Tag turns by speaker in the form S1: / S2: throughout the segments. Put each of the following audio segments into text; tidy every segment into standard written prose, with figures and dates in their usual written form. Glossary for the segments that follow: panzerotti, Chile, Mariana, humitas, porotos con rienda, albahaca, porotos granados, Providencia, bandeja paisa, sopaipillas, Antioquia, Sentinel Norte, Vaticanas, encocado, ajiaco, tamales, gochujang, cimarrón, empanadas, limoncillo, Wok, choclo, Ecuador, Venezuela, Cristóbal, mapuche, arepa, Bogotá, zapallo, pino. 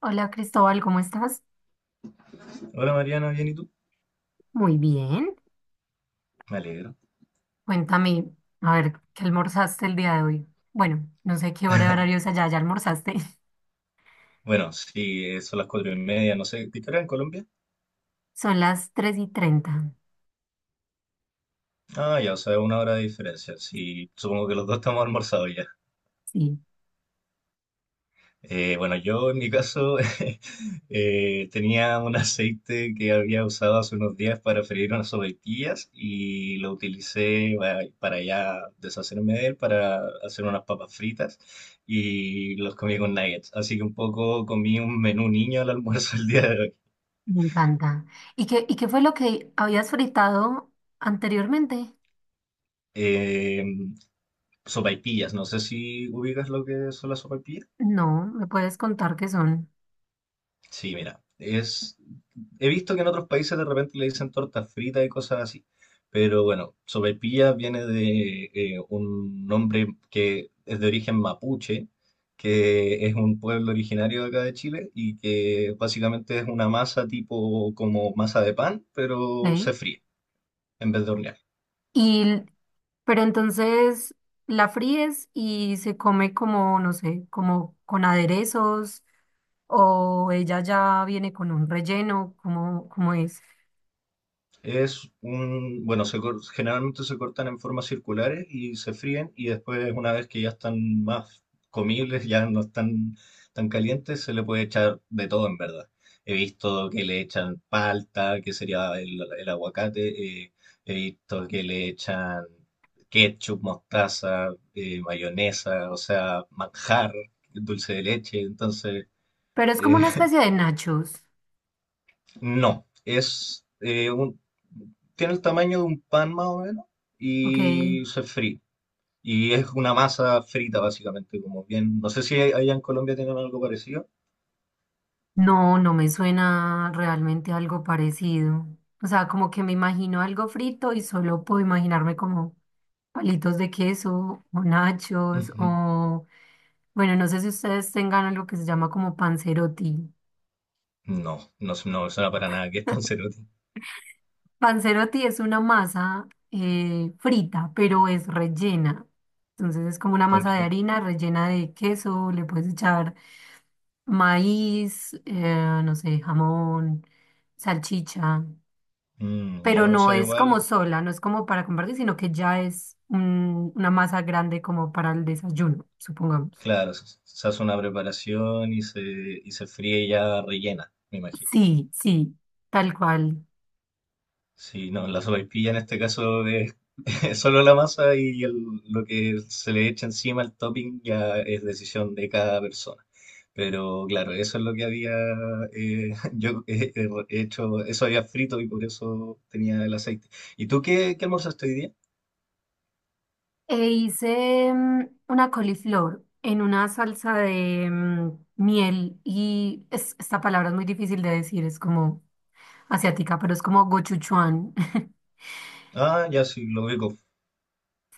S1: Hola Cristóbal, ¿cómo estás?
S2: Hola Mariana, ¿bien y tú?
S1: Muy bien.
S2: Me alegro.
S1: Cuéntame, a ver, ¿qué almorzaste el día de hoy? Bueno, no sé qué horario es allá, ¿ya almorzaste?
S2: Bueno, sí, son las cuatro y media, no sé, ¿qué hora en Colombia?
S1: Son las 3:30.
S2: Ah, ya, o sea, una hora de diferencia. Sí, supongo que los dos estamos almorzados ya.
S1: Sí,
S2: Bueno, yo en mi caso tenía un aceite que había usado hace unos días para freír unas sopaipillas y lo utilicé para ya deshacerme de él, para hacer unas papas fritas y los comí con nuggets. Así que un poco comí un menú niño al almuerzo el día de hoy.
S1: me encanta. ¿Y qué fue lo que habías fritado anteriormente?
S2: Eh, Sopaipillas, no sé si ubicas lo que son las sopaipillas.
S1: No, ¿me puedes contar qué son?
S2: Sí, mira, es... He visto que en otros países de repente le dicen torta frita y cosas así, pero bueno, sopaipilla viene de un nombre que es de origen mapuche, que es un pueblo originario de acá de Chile y que básicamente es una masa tipo como masa de pan, pero
S1: ¿Ok?
S2: se fríe en vez de hornear.
S1: Y, pero entonces la fríes y se come como, no sé, como con aderezos o ella ya viene con un relleno, como es.
S2: Es un, bueno, generalmente se cortan en formas circulares y se fríen y después una vez que ya están más comibles, ya no están tan calientes, se le puede echar de todo en verdad. He visto que le echan palta, que sería el aguacate, he visto que le echan ketchup, mostaza, mayonesa, o sea, manjar, dulce de leche, entonces...
S1: Pero es como
S2: eh,
S1: una especie de nachos,
S2: no, es un, tiene el tamaño de un pan más o menos
S1: ¿ok?
S2: y se fríe. Y es una masa frita básicamente, como bien. No sé si allá en Colombia tienen algo parecido.
S1: No, no me suena realmente algo parecido. O sea, como que me imagino algo frito y solo puedo imaginarme como palitos de queso o nachos
S2: Ujú.
S1: o, bueno, no sé si ustedes tengan algo que se llama como panzerotti.
S2: No, no me suena para nada. ¿Qué es panzerotti?
S1: Panzerotti es una masa frita, pero es rellena. Entonces es como una
S2: ¿Con
S1: masa de
S2: qué?
S1: harina rellena de queso, le puedes echar maíz, no sé, jamón, salchicha,
S2: Mm,
S1: pero
S2: ya, o
S1: no
S2: sea,
S1: es como
S2: igual,
S1: sola, no es como para compartir, sino que ya es una masa grande como para el desayuno, supongamos.
S2: claro, se hace una preparación y se fríe ya rellena, me imagino.
S1: Sí, sí, tal cual.
S2: Sí, no, la sopaipilla en este caso es solo la masa y lo que se le echa encima, el topping, ya es decisión de cada persona. Pero claro, eso es lo que había eh, yo he, he hecho, eso había frito y por eso tenía el aceite. ¿Y tú qué, qué almorzaste hoy día?
S1: E hice una coliflor en una salsa de miel y esta palabra es muy difícil de decir, es como asiática, pero es como gochujang.
S2: Ah, ya sí, lo veo.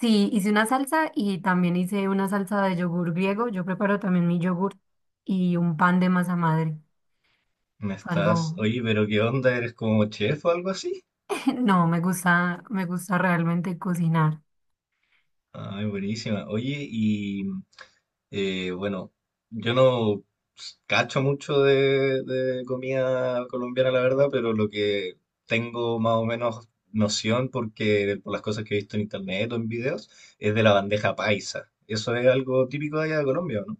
S1: Sí, hice una salsa y también hice una salsa de yogur griego. Yo preparo también mi yogur y un pan de masa madre.
S2: Me
S1: Fue
S2: estás,
S1: algo,
S2: oye, pero ¿qué onda? ¿Eres como chef o algo así?
S1: no, me gusta realmente cocinar.
S2: Ay, buenísima. Oye, bueno, yo no s- cacho mucho de comida colombiana, la verdad, pero lo que tengo más o menos noción, porque por las cosas que he visto en internet o en videos, es de la bandeja paisa. Eso es algo típico de allá de Colombia, ¿no?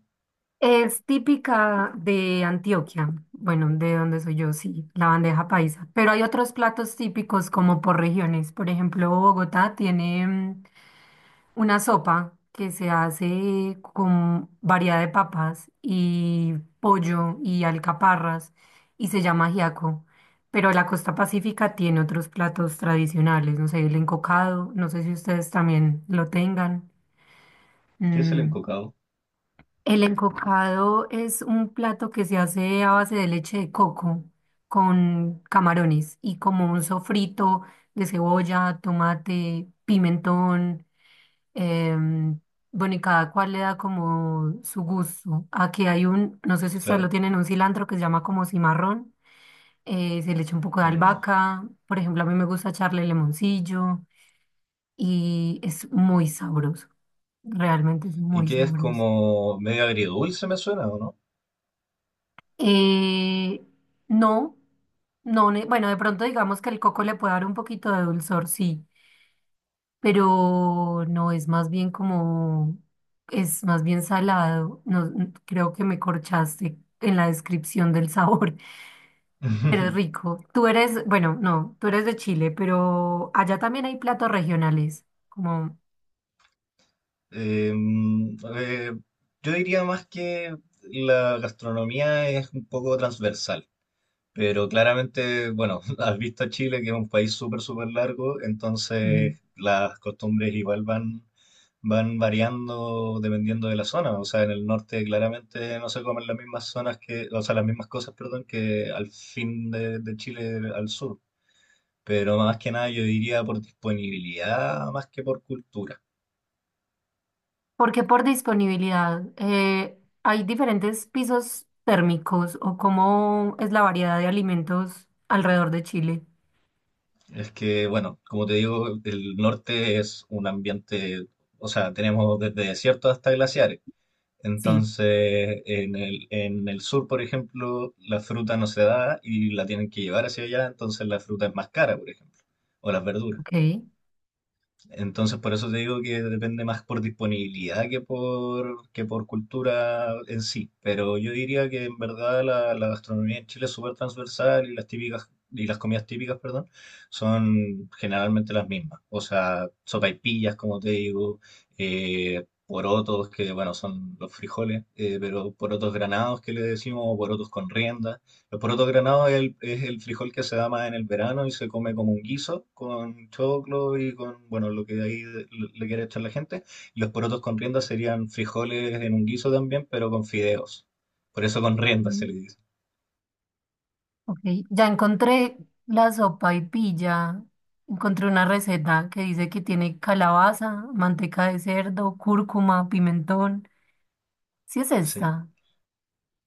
S1: Es típica de Antioquia, bueno, de donde soy yo, sí, la bandeja paisa. Pero hay otros platos típicos como por regiones. Por ejemplo, Bogotá tiene una sopa que se hace con variedad de papas y pollo y alcaparras y se llama ajiaco. Pero la costa pacífica tiene otros platos tradicionales, no sé, el encocado, no sé si ustedes también lo tengan.
S2: ¿Qué es el
S1: mm,
S2: encocado?
S1: el encocado es un plato que se hace a base de leche de coco con camarones y como un sofrito de cebolla, tomate, pimentón. em, bueno, y cada cual le da como su gusto. Aquí hay un, no sé si ustedes lo
S2: Claro,
S1: tienen, un cilantro que se llama como cimarrón. Se le echa un poco de
S2: no.
S1: albahaca. Por ejemplo, a mí me gusta echarle limoncillo y es muy sabroso. Realmente es
S2: ¿Y
S1: muy
S2: qué es
S1: sabroso.
S2: como medio agridulce, me suena, o no?
S1: Eh, no, no, bueno, de pronto digamos que el coco le puede dar un poquito de dulzor, sí, pero no es más bien como, es más bien salado. No, creo que me corchaste en la descripción del sabor, pero es rico. Bueno, no, tú eres de Chile, pero allá también hay platos regionales, como...
S2: Em, eh, yo diría más que la gastronomía es un poco transversal. Pero claramente, bueno, has visto a Chile, que es un país súper, súper largo, entonces las costumbres igual van, van variando dependiendo de la zona. O sea, en el norte claramente no se comen las mismas zonas que, o sea, las mismas cosas, perdón, que al fin de Chile al sur. Pero más que nada yo diría por disponibilidad más que por cultura.
S1: Porque por disponibilidad, hay diferentes pisos térmicos o cómo es la variedad de alimentos alrededor de Chile.
S2: Es que, bueno, como te digo, el norte es un ambiente, o sea, tenemos desde desiertos hasta glaciares.
S1: Sí.
S2: Entonces, en el sur, por ejemplo, la fruta no se da y la tienen que llevar hacia allá, entonces la fruta es más cara, por ejemplo, o las verduras.
S1: Ok.
S2: Entonces, por eso te digo que depende más por disponibilidad que por cultura en sí. Pero yo diría que en verdad la gastronomía en Chile es súper transversal y las típicas, y las comidas típicas, perdón, son generalmente las mismas. O sea, sopaipillas, como te digo, porotos, que bueno, son los frijoles, pero porotos granados que le decimos, o porotos con rienda. El poroto granado es es el frijol que se da más en el verano y se come como un guiso con choclo y con, bueno, lo que ahí le le quiere echar la gente. Y los porotos con rienda serían frijoles en un guiso también, pero con fideos. Por eso con rienda se
S1: Mm.
S2: le dice.
S1: Ok. Ya encontré la sopa y pilla. Encontré una receta que dice que tiene calabaza, manteca de cerdo, cúrcuma, pimentón. ¿Sí es
S2: Sí.
S1: esta?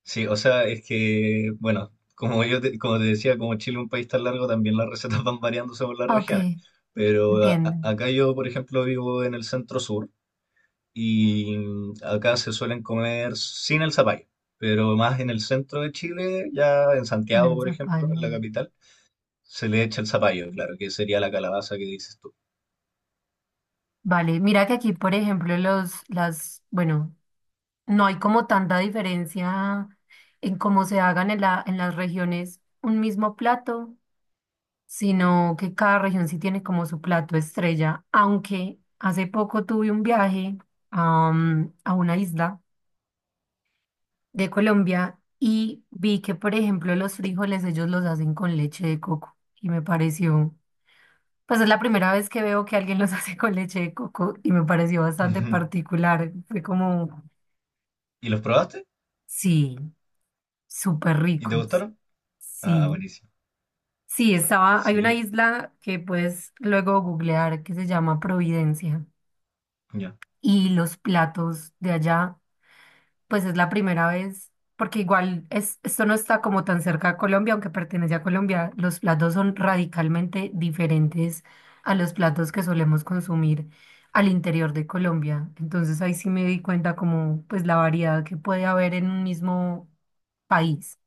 S2: Sí, o sea, es que, bueno, como yo te, como te decía, como Chile es un país tan largo, también las recetas van variando según las
S1: Ah, ok,
S2: regiones. Pero
S1: entiendo.
S2: acá yo, por ejemplo, vivo en el centro sur. Y acá se suelen comer sin el zapallo, pero más en el centro de Chile, ya en
S1: Con
S2: Santiago,
S1: el
S2: por ejemplo, en
S1: zapallo.
S2: la capital, se le echa el zapallo, claro, que sería la calabaza que dices tú.
S1: Vale, mira que aquí, por ejemplo, bueno. No hay como tanta diferencia en cómo se hagan en en las regiones un mismo plato, sino que cada región sí tiene como su plato estrella. Aunque hace poco tuve un viaje a una isla de Colombia y vi que, por ejemplo, los frijoles ellos los hacen con leche de coco y me pareció, pues es la primera vez que veo que alguien los hace con leche de coco y me pareció bastante
S2: Ujú.
S1: particular. Fue como,
S2: ¿Y los probaste?
S1: sí, súper
S2: ¿Y te
S1: ricos.
S2: gustaron? Ah,
S1: Sí.
S2: buenísimo.
S1: Sí, hay una
S2: Sí,
S1: isla que puedes luego googlear que se llama Providencia
S2: ya.
S1: y los platos de allá, pues es la primera vez, porque igual es, esto no está como tan cerca a Colombia, aunque pertenece a Colombia, los platos son radicalmente diferentes a los platos que solemos consumir al interior de Colombia. Entonces ahí sí me di cuenta como pues la variedad que puede haber en un mismo país.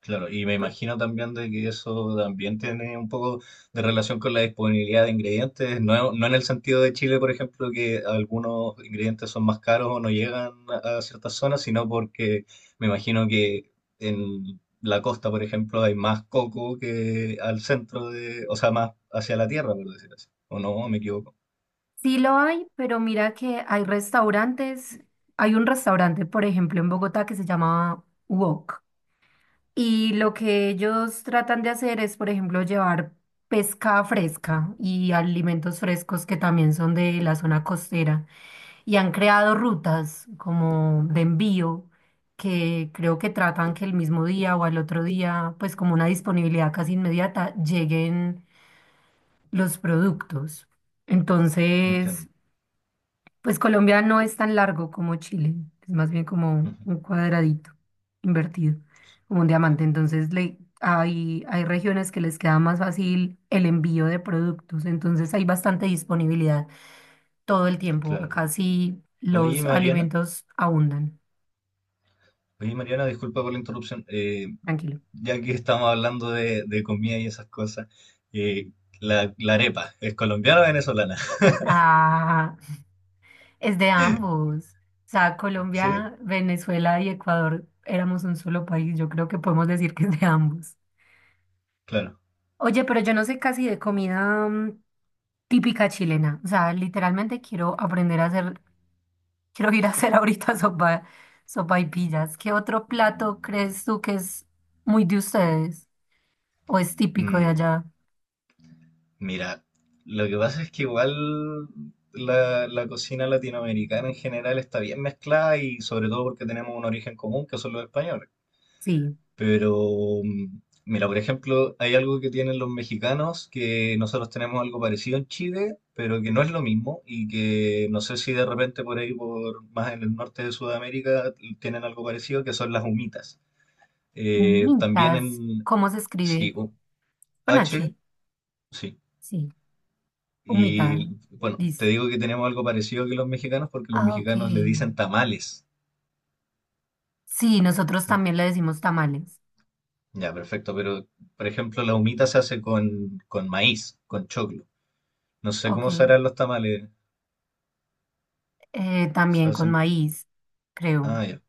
S2: Claro, y me imagino también de que eso también tiene un poco de relación con la disponibilidad de ingredientes, no, no en el sentido de Chile, por ejemplo, que algunos ingredientes son más caros o no llegan a ciertas zonas, sino porque me imagino que en la costa, por ejemplo, hay más coco que al centro de, o sea, más hacia la tierra, por decir así. ¿O no? ¿Me equivoco?
S1: Sí lo hay, pero mira que hay un restaurante, por ejemplo, en Bogotá que se llama Wok. Y lo que ellos tratan de hacer es, por ejemplo, llevar pesca fresca y alimentos frescos que también son de la zona costera. Y han creado rutas como de envío que creo que tratan que el mismo día o al otro día, pues como una disponibilidad casi inmediata, lleguen los productos. Entonces...
S2: Entiendo.
S1: Pues Colombia no es tan largo como Chile, es más bien como
S2: Ujú.
S1: un cuadradito invertido, como un diamante. Entonces hay regiones que les queda más fácil el envío de productos, entonces hay bastante disponibilidad todo el tiempo.
S2: Claro.
S1: Acá sí
S2: Oye,
S1: los
S2: Mariana,
S1: alimentos abundan,
S2: oye, Mariana, disculpa por la interrupción.
S1: tranquilo.
S2: Ya que estamos hablando de comida y esas cosas, eh, la arepa, ¿es colombiana o venezolana?
S1: Ah, es de ambos. O sea,
S2: Sí,
S1: Colombia, Venezuela y Ecuador éramos un solo país, yo creo que podemos decir que es de ambos.
S2: claro.
S1: Oye, pero yo no sé casi de comida. Típica chilena. O sea, literalmente quiero aprender a hacer, quiero ir a hacer ahorita sopaipillas. ¿Qué otro plato crees tú que es muy de ustedes o es típico de
S2: Mm,
S1: allá?
S2: mira, lo que pasa es que igual la cocina latinoamericana en general está bien mezclada y sobre todo porque tenemos un origen común que son los españoles.
S1: Sí,
S2: Pero, mm, mira, por ejemplo, hay algo que tienen los mexicanos, que nosotros tenemos algo parecido en Chile, pero que no es lo mismo y que no sé si de repente por ahí, por más en el norte de Sudamérica, tienen algo parecido, que son las humitas. Eh, también
S1: humitas.
S2: en,
S1: ¿Cómo se escribe?
S2: sí,
S1: Con
S2: H,
S1: H.
S2: sí.
S1: Sí, humita.
S2: Y bueno, te
S1: Listo.
S2: digo que tenemos algo parecido que los mexicanos porque los
S1: Ah, ok.
S2: mexicanos le dicen tamales.
S1: Sí, nosotros también le decimos tamales.
S2: Ya, perfecto, pero por ejemplo, la humita se hace con maíz, con choclo. No sé
S1: Ok.
S2: cómo se harán los tamales. Se
S1: También con
S2: hacen-
S1: maíz,
S2: Ah,
S1: creo.
S2: ya,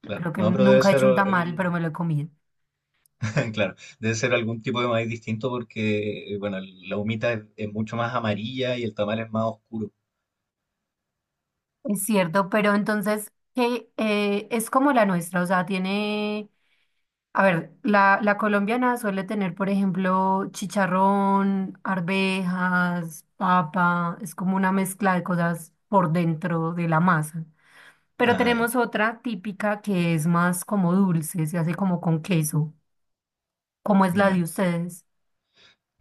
S2: claro.
S1: Creo que
S2: No, pero debe
S1: nunca he
S2: ser
S1: hecho un tamal, pero
S2: un...
S1: me lo he comido.
S2: Claro, debe ser algún tipo de maíz distinto porque, bueno, la humita es mucho más amarilla y el tamal es más oscuro.
S1: Es cierto, pero entonces, ¿qué es como la nuestra? O sea, tiene, a ver, la colombiana suele tener, por ejemplo, chicharrón, arvejas, papa, es como una mezcla de cosas por dentro de la masa. Pero
S2: Ah, ya,
S1: tenemos otra típica que es más como dulce, se hace como con queso. ¿Cómo es la de
S2: ya.
S1: ustedes?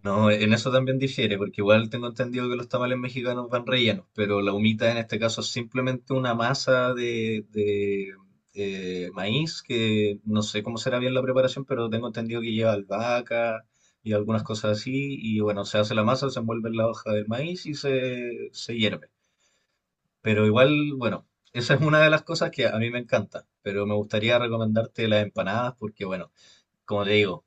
S2: No, en eso también difiere, porque igual tengo entendido que los tamales mexicanos van rellenos, pero la humita en este caso es simplemente una masa de, maíz, que no sé cómo será bien la preparación, pero tengo entendido que lleva albahaca y algunas cosas así, y bueno, se hace la masa, se envuelve en la hoja del maíz y se hierve. Pero igual, bueno, esa es una de las cosas que a mí me encanta, pero me gustaría recomendarte las empanadas, porque bueno, como te digo,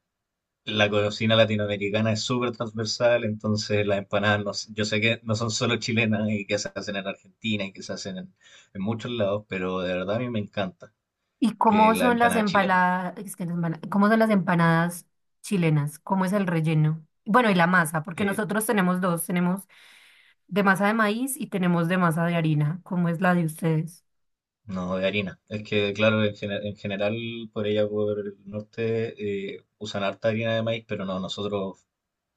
S2: la cocina latinoamericana es súper transversal, entonces las empanadas, no s- yo sé que no son solo chilenas y que se hacen en Argentina y que se hacen en muchos lados, pero de verdad a mí me encanta
S1: ¿Y
S2: que
S1: cómo
S2: la
S1: son las
S2: empanada chilena.
S1: empaladas, cómo son las empanadas chilenas? ¿Cómo es el relleno? Bueno, y la masa, porque
S2: Eh,
S1: nosotros tenemos dos, tenemos de masa de maíz y tenemos de masa de harina, ¿cómo es la de ustedes?
S2: no, de harina. Es que, claro, en, en general por ella, por el norte, usan harta harina de maíz, pero no, nosotros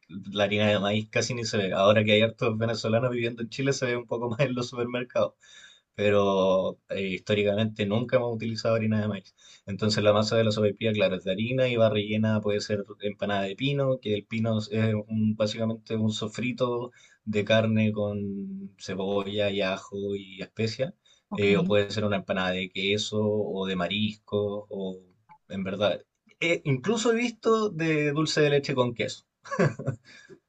S2: la harina de maíz casi ni se ve. Ahora que hay hartos venezolanos viviendo en Chile, se ve un poco más en los supermercados. Pero históricamente nunca hemos utilizado harina de maíz. Entonces la masa de la sopaipilla, claro, es de harina y va rellena, puede ser empanada de pino, que el pino es básicamente un sofrito de carne con cebolla y ajo y especias.
S1: Ok.
S2: O puede ser una empanada de queso o de marisco, o en verdad, incluso he visto de dulce de leche con queso.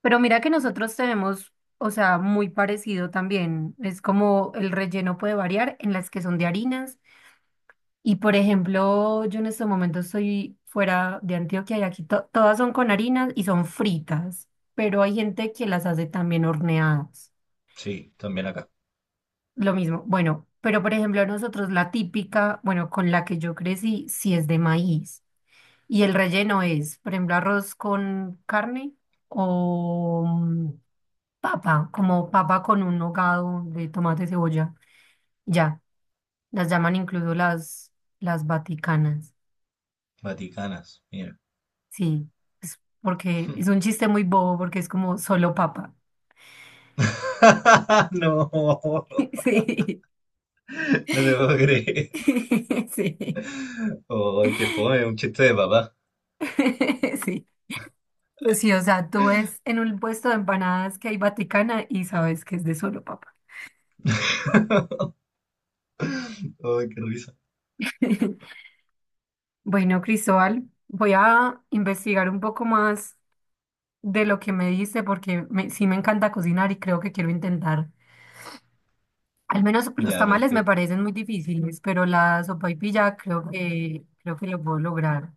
S1: Pero mira que nosotros tenemos, o sea, muy parecido también. Es como el relleno puede variar en las que son de harinas. Y por ejemplo, yo en este momento estoy fuera de Antioquia y aquí todas son con harinas y son fritas, pero hay gente que las hace también horneadas.
S2: Sí, también acá.
S1: Lo mismo. Bueno, pero por ejemplo, nosotros la típica, bueno, con la que yo crecí, sí es de maíz. Y el relleno es, por ejemplo, arroz con carne o papa, como papa con un hogado de tomate, cebolla. Ya, las llaman incluso las vaticanas.
S2: Vaticanas, mira.
S1: Sí, es porque es un chiste muy bobo porque es como solo papa.
S2: No,
S1: Sí,
S2: no te puedo creer.
S1: sí,
S2: Ay, qué fome, un chiste de papá.
S1: sí. Sí, o sea, tú ves en un puesto de empanadas que hay Vaticana y sabes que es de solo papa.
S2: Ay, qué risa.
S1: Bueno, Cristóbal, voy a investigar un poco más de lo que me dice porque sí me encanta cocinar y creo que quiero intentar. Al menos los
S2: Ya,
S1: tamales me
S2: perfecto.
S1: parecen muy difíciles, pero la sopaipilla creo que lo puedo lograr.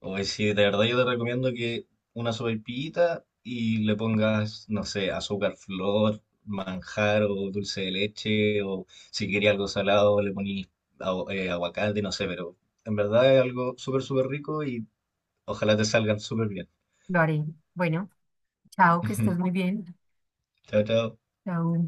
S2: Hoy sí, de verdad yo te recomiendo que una sopaipillita y le pongas, no sé, azúcar, flor, manjar o dulce de leche o si quería algo salado le ponís aguacate, no sé, pero en verdad es algo súper, súper rico y ojalá te salgan súper bien.
S1: Lo haré. Bueno, chao, que estés muy bien.
S2: Chao, chao.
S1: Chao.